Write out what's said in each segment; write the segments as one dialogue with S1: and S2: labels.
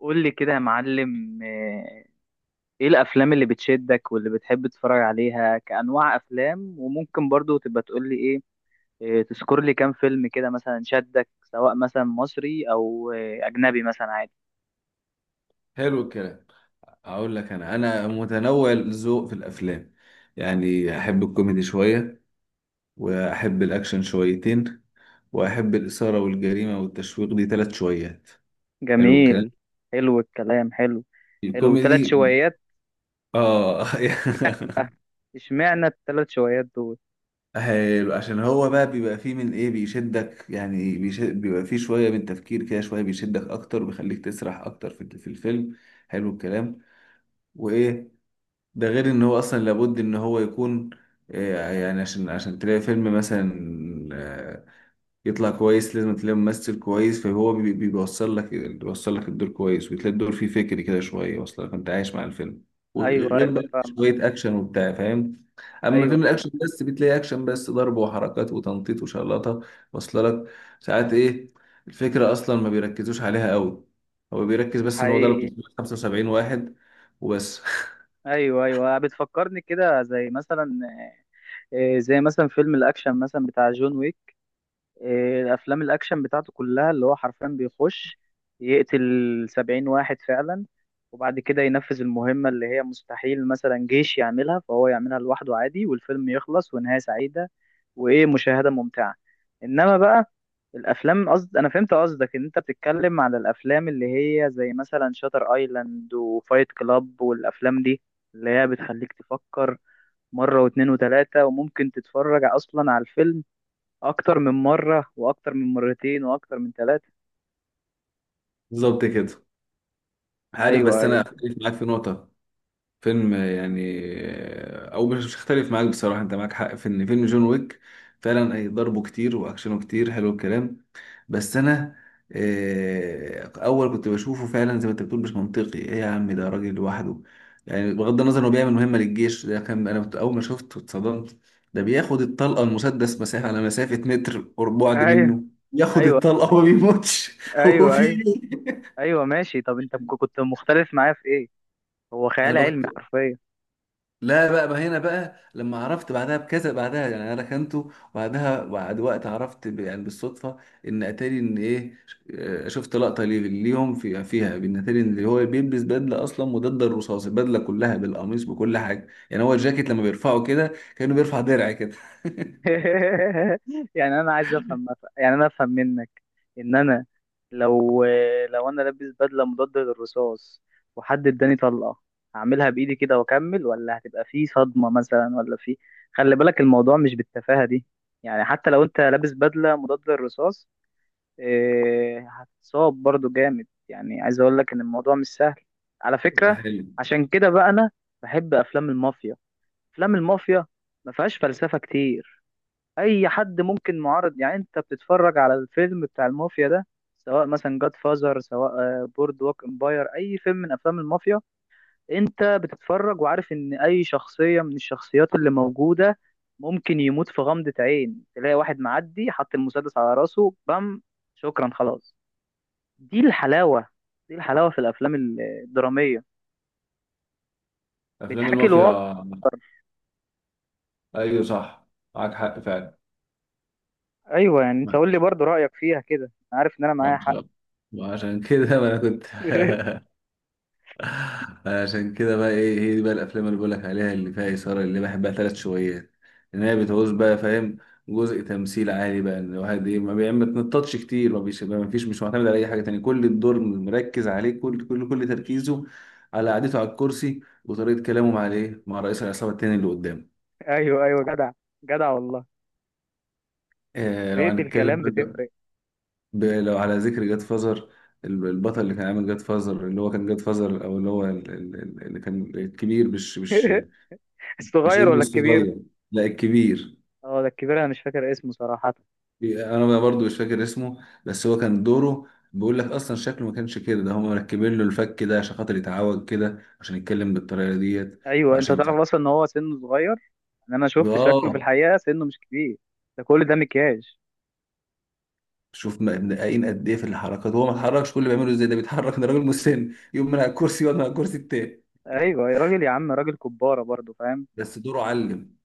S1: قول لي كده يا معلم ايه الافلام اللي بتشدك واللي بتحب تتفرج عليها كانواع افلام، وممكن برضو تبقى تقول لي ايه. تذكر لي كام فيلم كده، مثلا شدك سواء مثلا مصري او اجنبي، مثلا عادي.
S2: حلو الكلام. اقول لك انا متنوع الذوق في الافلام. يعني احب الكوميدي شويه، واحب الاكشن شويتين، واحب الاثاره والجريمه والتشويق دي ثلاث شويات. حلو الكلام،
S1: جميل. حلو الكلام. حلو. حلو، ثلاث
S2: الكوميدي.
S1: شويات.
S2: اه
S1: اشمعنى الثلاث شويات دول؟
S2: حلو، عشان هو بقى بيبقى فيه من ايه بيشدك، يعني بيبقى فيه شويه من تفكير كده، شويه بيشدك اكتر وبيخليك تسرح اكتر في الفيلم. حلو الكلام. وايه؟ ده غير ان هو اصلا لابد ان هو يكون. يعني عشان تلاقي فيلم مثلا آه، يطلع كويس، لازم تلاقي ممثل كويس، فهو بيوصل لك الدور كويس، وتلاقي الدور فيه فكر كده شويه اصلا، فانت عايش مع الفيلم.
S1: ايوه
S2: وغير
S1: ايوه،
S2: بقى
S1: فاهمك.
S2: شويه اكشن وبتاع، فاهم؟ اما
S1: ايوه
S2: فيلم
S1: ايوه.
S2: الاكشن، بس بتلاقي اكشن بس، ضرب وحركات وتنطيط وشلطه واصله لك. ساعات ايه الفكره اصلا ما بيركزوش عليها قوي، هو بيركز
S1: ده
S2: بس ان هو ضرب
S1: حقيقي.
S2: 375 واحد وبس
S1: ايوه ايوه، بتفكرني كده، زي مثلا زي مثلا فيلم الاكشن مثلا بتاع جون ويك. الافلام الاكشن بتاعته كلها، اللي هو حرفيا بيخش يقتل 70 واحد فعلا، وبعد كده ينفذ المهمة اللي هي مستحيل مثلا جيش يعملها، فهو يعملها لوحده عادي، والفيلم يخلص ونهاية سعيدة وايه، مشاهدة ممتعة. انما بقى الافلام، قصد انا فهمت قصدك ان انت بتتكلم على الافلام اللي هي زي مثلا شاتر ايلاند وفايت كلاب والافلام دي، اللي هي بتخليك تفكر مرة واتنين وتلاتة، وممكن تتفرج اصلا على الفيلم اكتر من مره واكتر من مرتين واكتر من ثلاثه.
S2: بالظبط كده. عارف،
S1: ايوه
S2: بس انا
S1: ايوه
S2: اختلف معاك في نقطه. فيلم يعني، او مش اختلف معاك بصراحه، انت معاك حق في ان فيلم جون ويك فعلا أي ضربه كتير واكشنه كتير، حلو الكلام. بس انا اول كنت بشوفه فعلا زي ما انت بتقول مش منطقي. ايه يا عم، ده راجل لوحده، يعني بغض النظر انه بيعمل مهمه للجيش. ده كان انا كنت اول ما شفته اتصدمت، ده بياخد الطلقه، المسدس مسافه على مسافه متر بعد
S1: ايوه
S2: منه ياخد
S1: ايوه.
S2: الطلقه وما بيموتش هو
S1: ايوه
S2: في
S1: ايوه.
S2: إيه؟
S1: ايوه، ماشي. طب انت كنت مختلف معايا في ايه؟ هو
S2: انا
S1: خيال
S2: بقى
S1: علمي حرفيا.
S2: لا بقى هنا بقى لما عرفت بعدها بكذا، بعدها يعني انا ركنته، وبعدها بعد وقت عرفت يعني بالصدفه ان اتاري ان ايه، شفت لقطه ليهم فيها، بان اتاري ان هو بيلبس بدله اصلا مضاده للرصاص، البدله كلها بالقميص بكل حاجه، يعني هو الجاكيت لما بيرفعه كده كانه بيرفع درع كده
S1: يعني انا عايز افهم، يعني انا افهم منك ان انا، لو، لو انا لابس بدله مضاده للرصاص، وحد اداني طلقه، هعملها بايدي كده واكمل، ولا هتبقى في صدمه مثلا، ولا في؟ خلي بالك الموضوع مش بالتفاهه دي. يعني حتى لو انت لابس بدله مضاده للرصاص، هتتصاب برضو جامد. يعني عايز اقول لك ان الموضوع مش سهل على فكرة.
S2: حلو.
S1: عشان كده بقى انا بحب افلام المافيا. افلام المافيا ما فيهاش فلسفة كتير، اي حد ممكن معارض. يعني انت بتتفرج على الفيلم بتاع المافيا ده، سواء مثلا جاد فازر، سواء بورد ووك امباير، اي فيلم من افلام المافيا، انت بتتفرج وعارف ان اي شخصية من الشخصيات اللي موجودة ممكن يموت في غمضة عين. تلاقي واحد معدي حط المسدس على راسه، بام، شكرا خلاص. دي الحلاوة، دي الحلاوة في الأفلام الدرامية،
S2: افلام
S1: بتحكي الواقع.
S2: المافيا. ايوه صح، معاك حق فعلا
S1: أيوة، يعني أنت
S2: ما
S1: قول لي برضو رأيك فيها كده. أنا عارف إن أنا معايا حق.
S2: عشان كده ما انا كنت عشان كده بقى ايه، هي دي بقى الافلام اللي بقولك عليها اللي فيها اثاره اللي بحبها ثلاث شويات، ان هي بتعوز بقى، فاهم، جزء تمثيل عالي، بقى ان الواحد ايه ما بتنططش كتير، ما فيش، مش معتمد على اي حاجه تانية، كل الدور مركز عليه، كل تركيزه على قعدته على الكرسي وطريقه كلامه مع الايه، مع رئيس العصابه التاني اللي قدامه.
S1: أيوة أيوة، جدع. جدع والله.
S2: لو
S1: طريقة
S2: هنتكلم
S1: الكلام بتفرق.
S2: لو على ذكر جاد فازر، البطل اللي كان عامل جاد فازر اللي هو كان جاد فازر، او اللي هو اللي كان الكبير، مش مش مش
S1: الصغير
S2: ابنه
S1: ولا الكبير؟
S2: الصغير، لا الكبير.
S1: اه ده الكبير، أنا مش فاكر اسمه صراحة.
S2: انا بقى برضو مش فاكر اسمه، بس هو كان دوره بيقول لك اصلا شكله ما كانش كده، ده هم مركبين له الفك ده عشان خاطر يتعوج كده عشان يتكلم بالطريقه ديت.
S1: أيوة، أنت
S2: وعشان
S1: تعرف أصلا إن هو سنه صغير، إن أنا شفت شكله في
S2: واه،
S1: الحقيقة سنه مش كبير، ده كل ده مكياج.
S2: شوف ما مدققين قد ايه في الحركات، هو ما اتحركش، كل اللي بيعمله ازاي ده بيتحرك، ده راجل مسن يقوم من على الكرسي يقعد من على الكرسي التاني،
S1: أيوة يا راجل، يا عم راجل كبارة برضو، فاهم.
S2: بس دوره علم.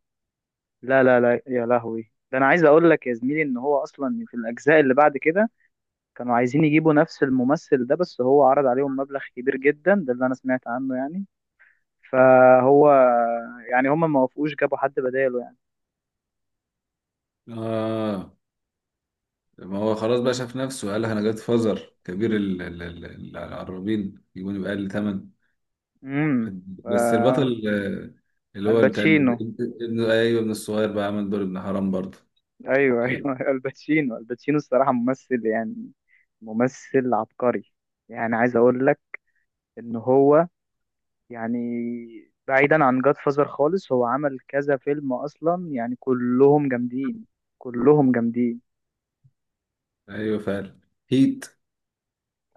S1: لا لا لا يا لهوي، ده أنا عايز أقول لك يا زميلي إن هو أصلا في الأجزاء اللي بعد كده، كانوا عايزين يجيبوا نفس الممثل ده، بس هو عرض عليهم مبلغ كبير جدا، ده اللي انا سمعت عنه يعني. فهو، يعني، هم ما وافقوش، جابوا حد بداله يعني.
S2: اه، ما هو خلاص بقى، شاف نفسه قال لك انا جت فزر كبير، العرابين يجيبوني بأقل ثمن.
S1: امم ف-
S2: بس البطل اللي هو بتاع
S1: الباتشينو.
S2: ايوه، ابن الصغير بقى عمل دور ابن حرام برضه.
S1: ايوه
S2: ايوه،
S1: ايوه. الباتشينو، الباتشينو الصراحه ممثل، يعني ممثل عبقري. يعني عايز اقول لك ان هو، يعني بعيدا عن جاد فازر خالص، هو عمل كذا فيلم اصلا، يعني كلهم جامدين، كلهم جامدين.
S2: أيوة فعلا. هيت،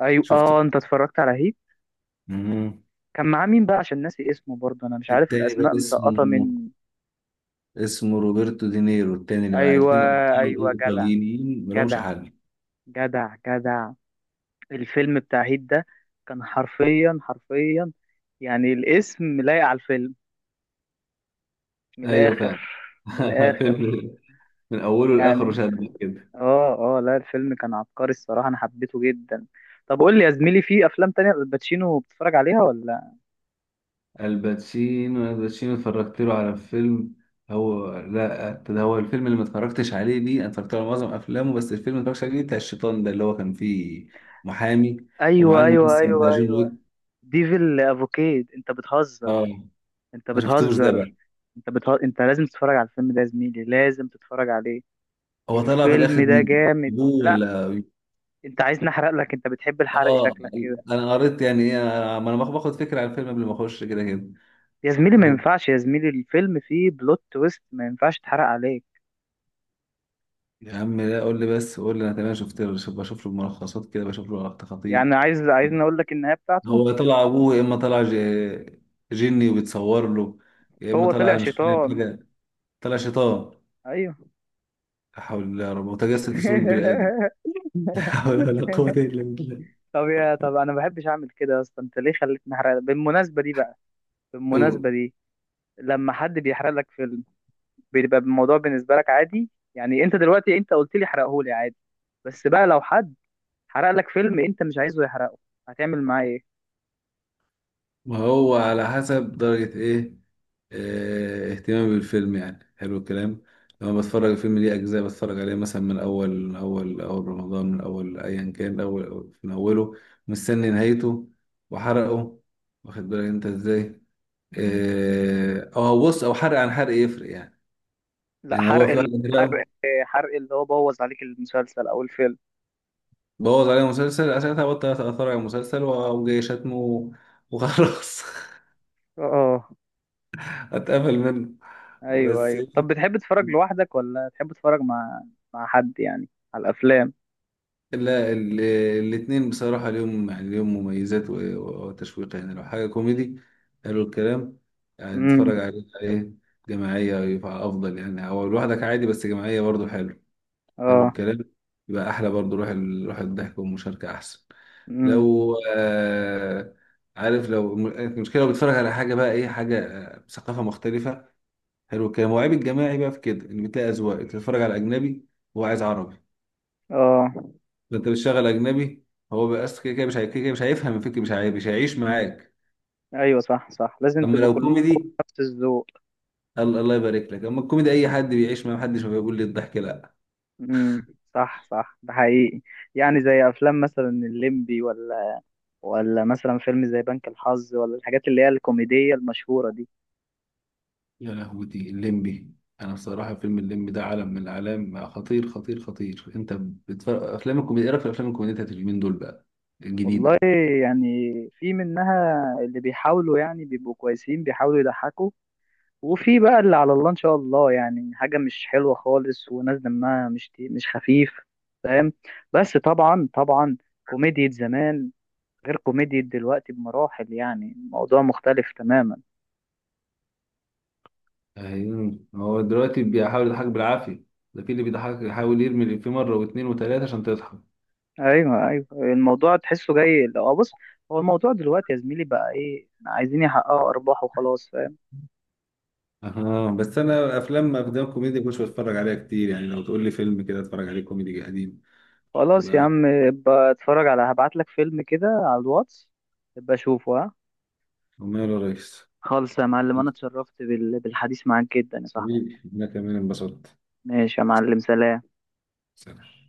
S1: ايوه.
S2: شفته.
S1: اه، انت اتفرجت على هيت؟
S2: مم.
S1: كان معاه مين بقى؟ عشان ناسي اسمه برضه، انا مش عارف
S2: التاني بقى
S1: الاسماء مسقطه
S2: اسمه،
S1: مني.
S2: اسمه روبرتو دينيرو، التاني اللي معاه،
S1: ايوه
S2: الاتنين ابطال
S1: ايوه، جدع.
S2: ايطاليين ملهمش
S1: جدع
S2: حل.
S1: جدع جدع. الفيلم بتاع هيت ده كان حرفيا حرفيا، يعني الاسم لايق على الفيلم، من
S2: ايوه
S1: الاخر،
S2: فعلا
S1: من الاخر.
S2: فيلم من اوله لاخره
S1: يعني
S2: شدك كده.
S1: اه اه، لا الفيلم كان عبقري الصراحه، انا حبيته جدا. طب قول لي يا زميلي، في افلام تانية الباتشينو بتتفرج عليها ولا؟
S2: الباتشينو اتفرجت له على فيلم. هو لا، ده هو الفيلم اللي ما اتفرجتش عليه دي. انا اتفرجت على معظم افلامه، بس الفيلم اللي ما اتفرجتش عليه بتاع الشيطان ده اللي هو كان فيه محامي ومعاه
S1: ايوه ايوه
S2: الممثل بتاع
S1: ايوه
S2: جون
S1: ايوه.
S2: ويك.
S1: ديفل افوكيد؟ انت
S2: اه،
S1: بتهزر، انت
S2: ما شفتوش ده بقى.
S1: بتهزر، انت بتهزر. انت لازم تتفرج على الفيلم ده يا زميلي، لازم تتفرج عليه.
S2: هو طلع في
S1: الفيلم
S2: الاخر
S1: ده
S2: مين
S1: جامد.
S2: ابوه،
S1: لا،
S2: ولا؟
S1: انت عايز نحرق لك؟ انت بتحب الحرق
S2: اه،
S1: شكلك كده.
S2: انا قريت يعني ايه، ما انا باخد فكره عن الفيلم قبل ما اخش كده كده.
S1: يا زميلي ما
S2: واخد-
S1: ينفعش، يا زميلي الفيلم فيه بلوت تويست، ما ينفعش تحرق عليك.
S2: يا عم لا، قول لي بس، قول لي انا تمام. شفت له، بشوف له ملخصات كده، بشوف له لقطات خطيف.
S1: يعني عايز اقول لك النهاية بتاعته،
S2: هو طلع ابوه، يا اما طلع جني وبيتصور له، يا اما
S1: هو
S2: طلع
S1: طلع
S2: انا مش فاهم
S1: شيطان.
S2: حاجه. طلع شيطان.
S1: ايوه.
S2: لا حول الله يا رب، متجسد في صوره بني ادم لا حول ولا قوه الا بالله.
S1: طب يا، طب انا ما بحبش اعمل كده يا اسطى، انت ليه خليتني احرق بالمناسبة دي بقى،
S2: أو-
S1: بالمناسبة دي؟ لما حد بيحرق لك فيلم، بيبقى الموضوع بالنسبه لك عادي؟ يعني انت دلوقتي انت قلت لي حرقهولي عادي، بس بقى لو حد حرق لك فيلم انت مش عايزه يحرقه، هتعمل معاه ايه؟
S2: ما هو على حسب درجه ايه، اهتمامي بالفيلم، يعني حلو الكلام. لما بتفرج الفيلم ليه اجزاء بتفرج عليه مثلا من اول، من اول، اول رمضان، من اول ايا كان، اول من اوله مستني نهايته وحرقه، واخد بالك انت ازاي. اه، أو بص، او حرق عن حرق يفرق يعني
S1: لا
S2: يعني هو
S1: حرق،
S2: في
S1: اللي،
S2: واحد،
S1: حرق،
S2: لا.
S1: حرق اللي هو بوظ عليك المسلسل او الفيلم.
S2: بوظ عليه مسلسل، ساعتها بطل اثر على المسلسل وجاي شتمه، وخلاص
S1: اه.
S2: اتقفل منه.
S1: ايوه
S2: بس
S1: ايوه. طب بتحب تتفرج لوحدك، ولا تحب تتفرج مع، مع حد يعني، على الافلام؟
S2: لا، الاتنين بصراحة ليهم، يعني ليهم مميزات وتشويق يعني. لو حاجة كوميدي، حلو الكلام، يعني
S1: امم.
S2: تتفرج عليه جماعية يبقى أفضل، يعني أو لوحدك عادي، بس جماعية برضو حلو. حلو
S1: اه.
S2: الكلام، يبقى أحلى برضو، روح الضحك والمشاركة أحسن.
S1: امم.
S2: لو عارف، لو المشكله، لو بتتفرج على حاجه بقى ايه، حاجه ثقافه مختلفه، حلو الكلام. وعيب الجماعي بقى في كده، ان بتلاقي اذواق، انت بتتفرج على اجنبي هو عايز عربي،
S1: اه.
S2: فانت بتشغل اجنبي، هو بس كده كده مش هي- كده كده مش هيفهم الفكره، مش هيعيش معاك.
S1: ايوه صح صح، لازم
S2: اما
S1: تبقوا
S2: لو
S1: كلكم
S2: كوميدي،
S1: نفس الذوق.
S2: الله الله يبارك لك. اما الكوميدي اي حد بيعيش معاه، محدش ما بيقول لي الضحك، لا.
S1: امم. صح صح، ده حقيقي. يعني زي افلام مثلا الليمبي، ولا ولا مثلا فيلم زي بنك الحظ، ولا الحاجات اللي هي الكوميدية المشهورة دي.
S2: يا لهوتي الليمبي. انا بصراحه فيلم الليمبي ده عالم من الاعلام، خطير خطير خطير. انت بتفرق افلام الكوميديا. ايه رايك في افلام الكوميديا بتاعت اليومين دول بقى
S1: والله،
S2: الجديده؟
S1: يعني في منها اللي بيحاولوا، يعني بيبقوا كويسين، بيحاولوا يضحكوا، وفي بقى اللي على الله إن شاء الله، يعني حاجة مش حلوة خالص، وناس دمها مش خفيف، فاهم. بس طبعا طبعا، كوميديا زمان غير كوميديا دلوقتي بمراحل، يعني الموضوع مختلف تماما.
S2: ايوه، هو دلوقتي بيحاول يضحك بالعافية، ده في اللي بيضحك يحاول يرمي الإفيه مرة واتنين وتلاتة عشان تضحك.
S1: ايوه ايوه، الموضوع تحسه جاي، لو بص، هو الموضوع دلوقتي يا زميلي بقى ايه، عايزين يحققوا ارباح وخلاص.
S2: اه بس انا افلام كوميدي مش بتفرج عليها كتير، يعني لو تقول لي فيلم كده اتفرج عليه كوميدي قديم
S1: خلاص يا
S2: يبقى.
S1: عم، ابقى اتفرج على، هبعت لك فيلم كده على الواتس، ابقى اشوفه ها.
S2: وماله يا ريس.
S1: خالص يا معلم، انا اتشرفت بالحديث معاك جدا يا صاحبي.
S2: حبيبي، انا كمان انبسطت.
S1: ماشي يا معلم، سلام.
S2: سلام.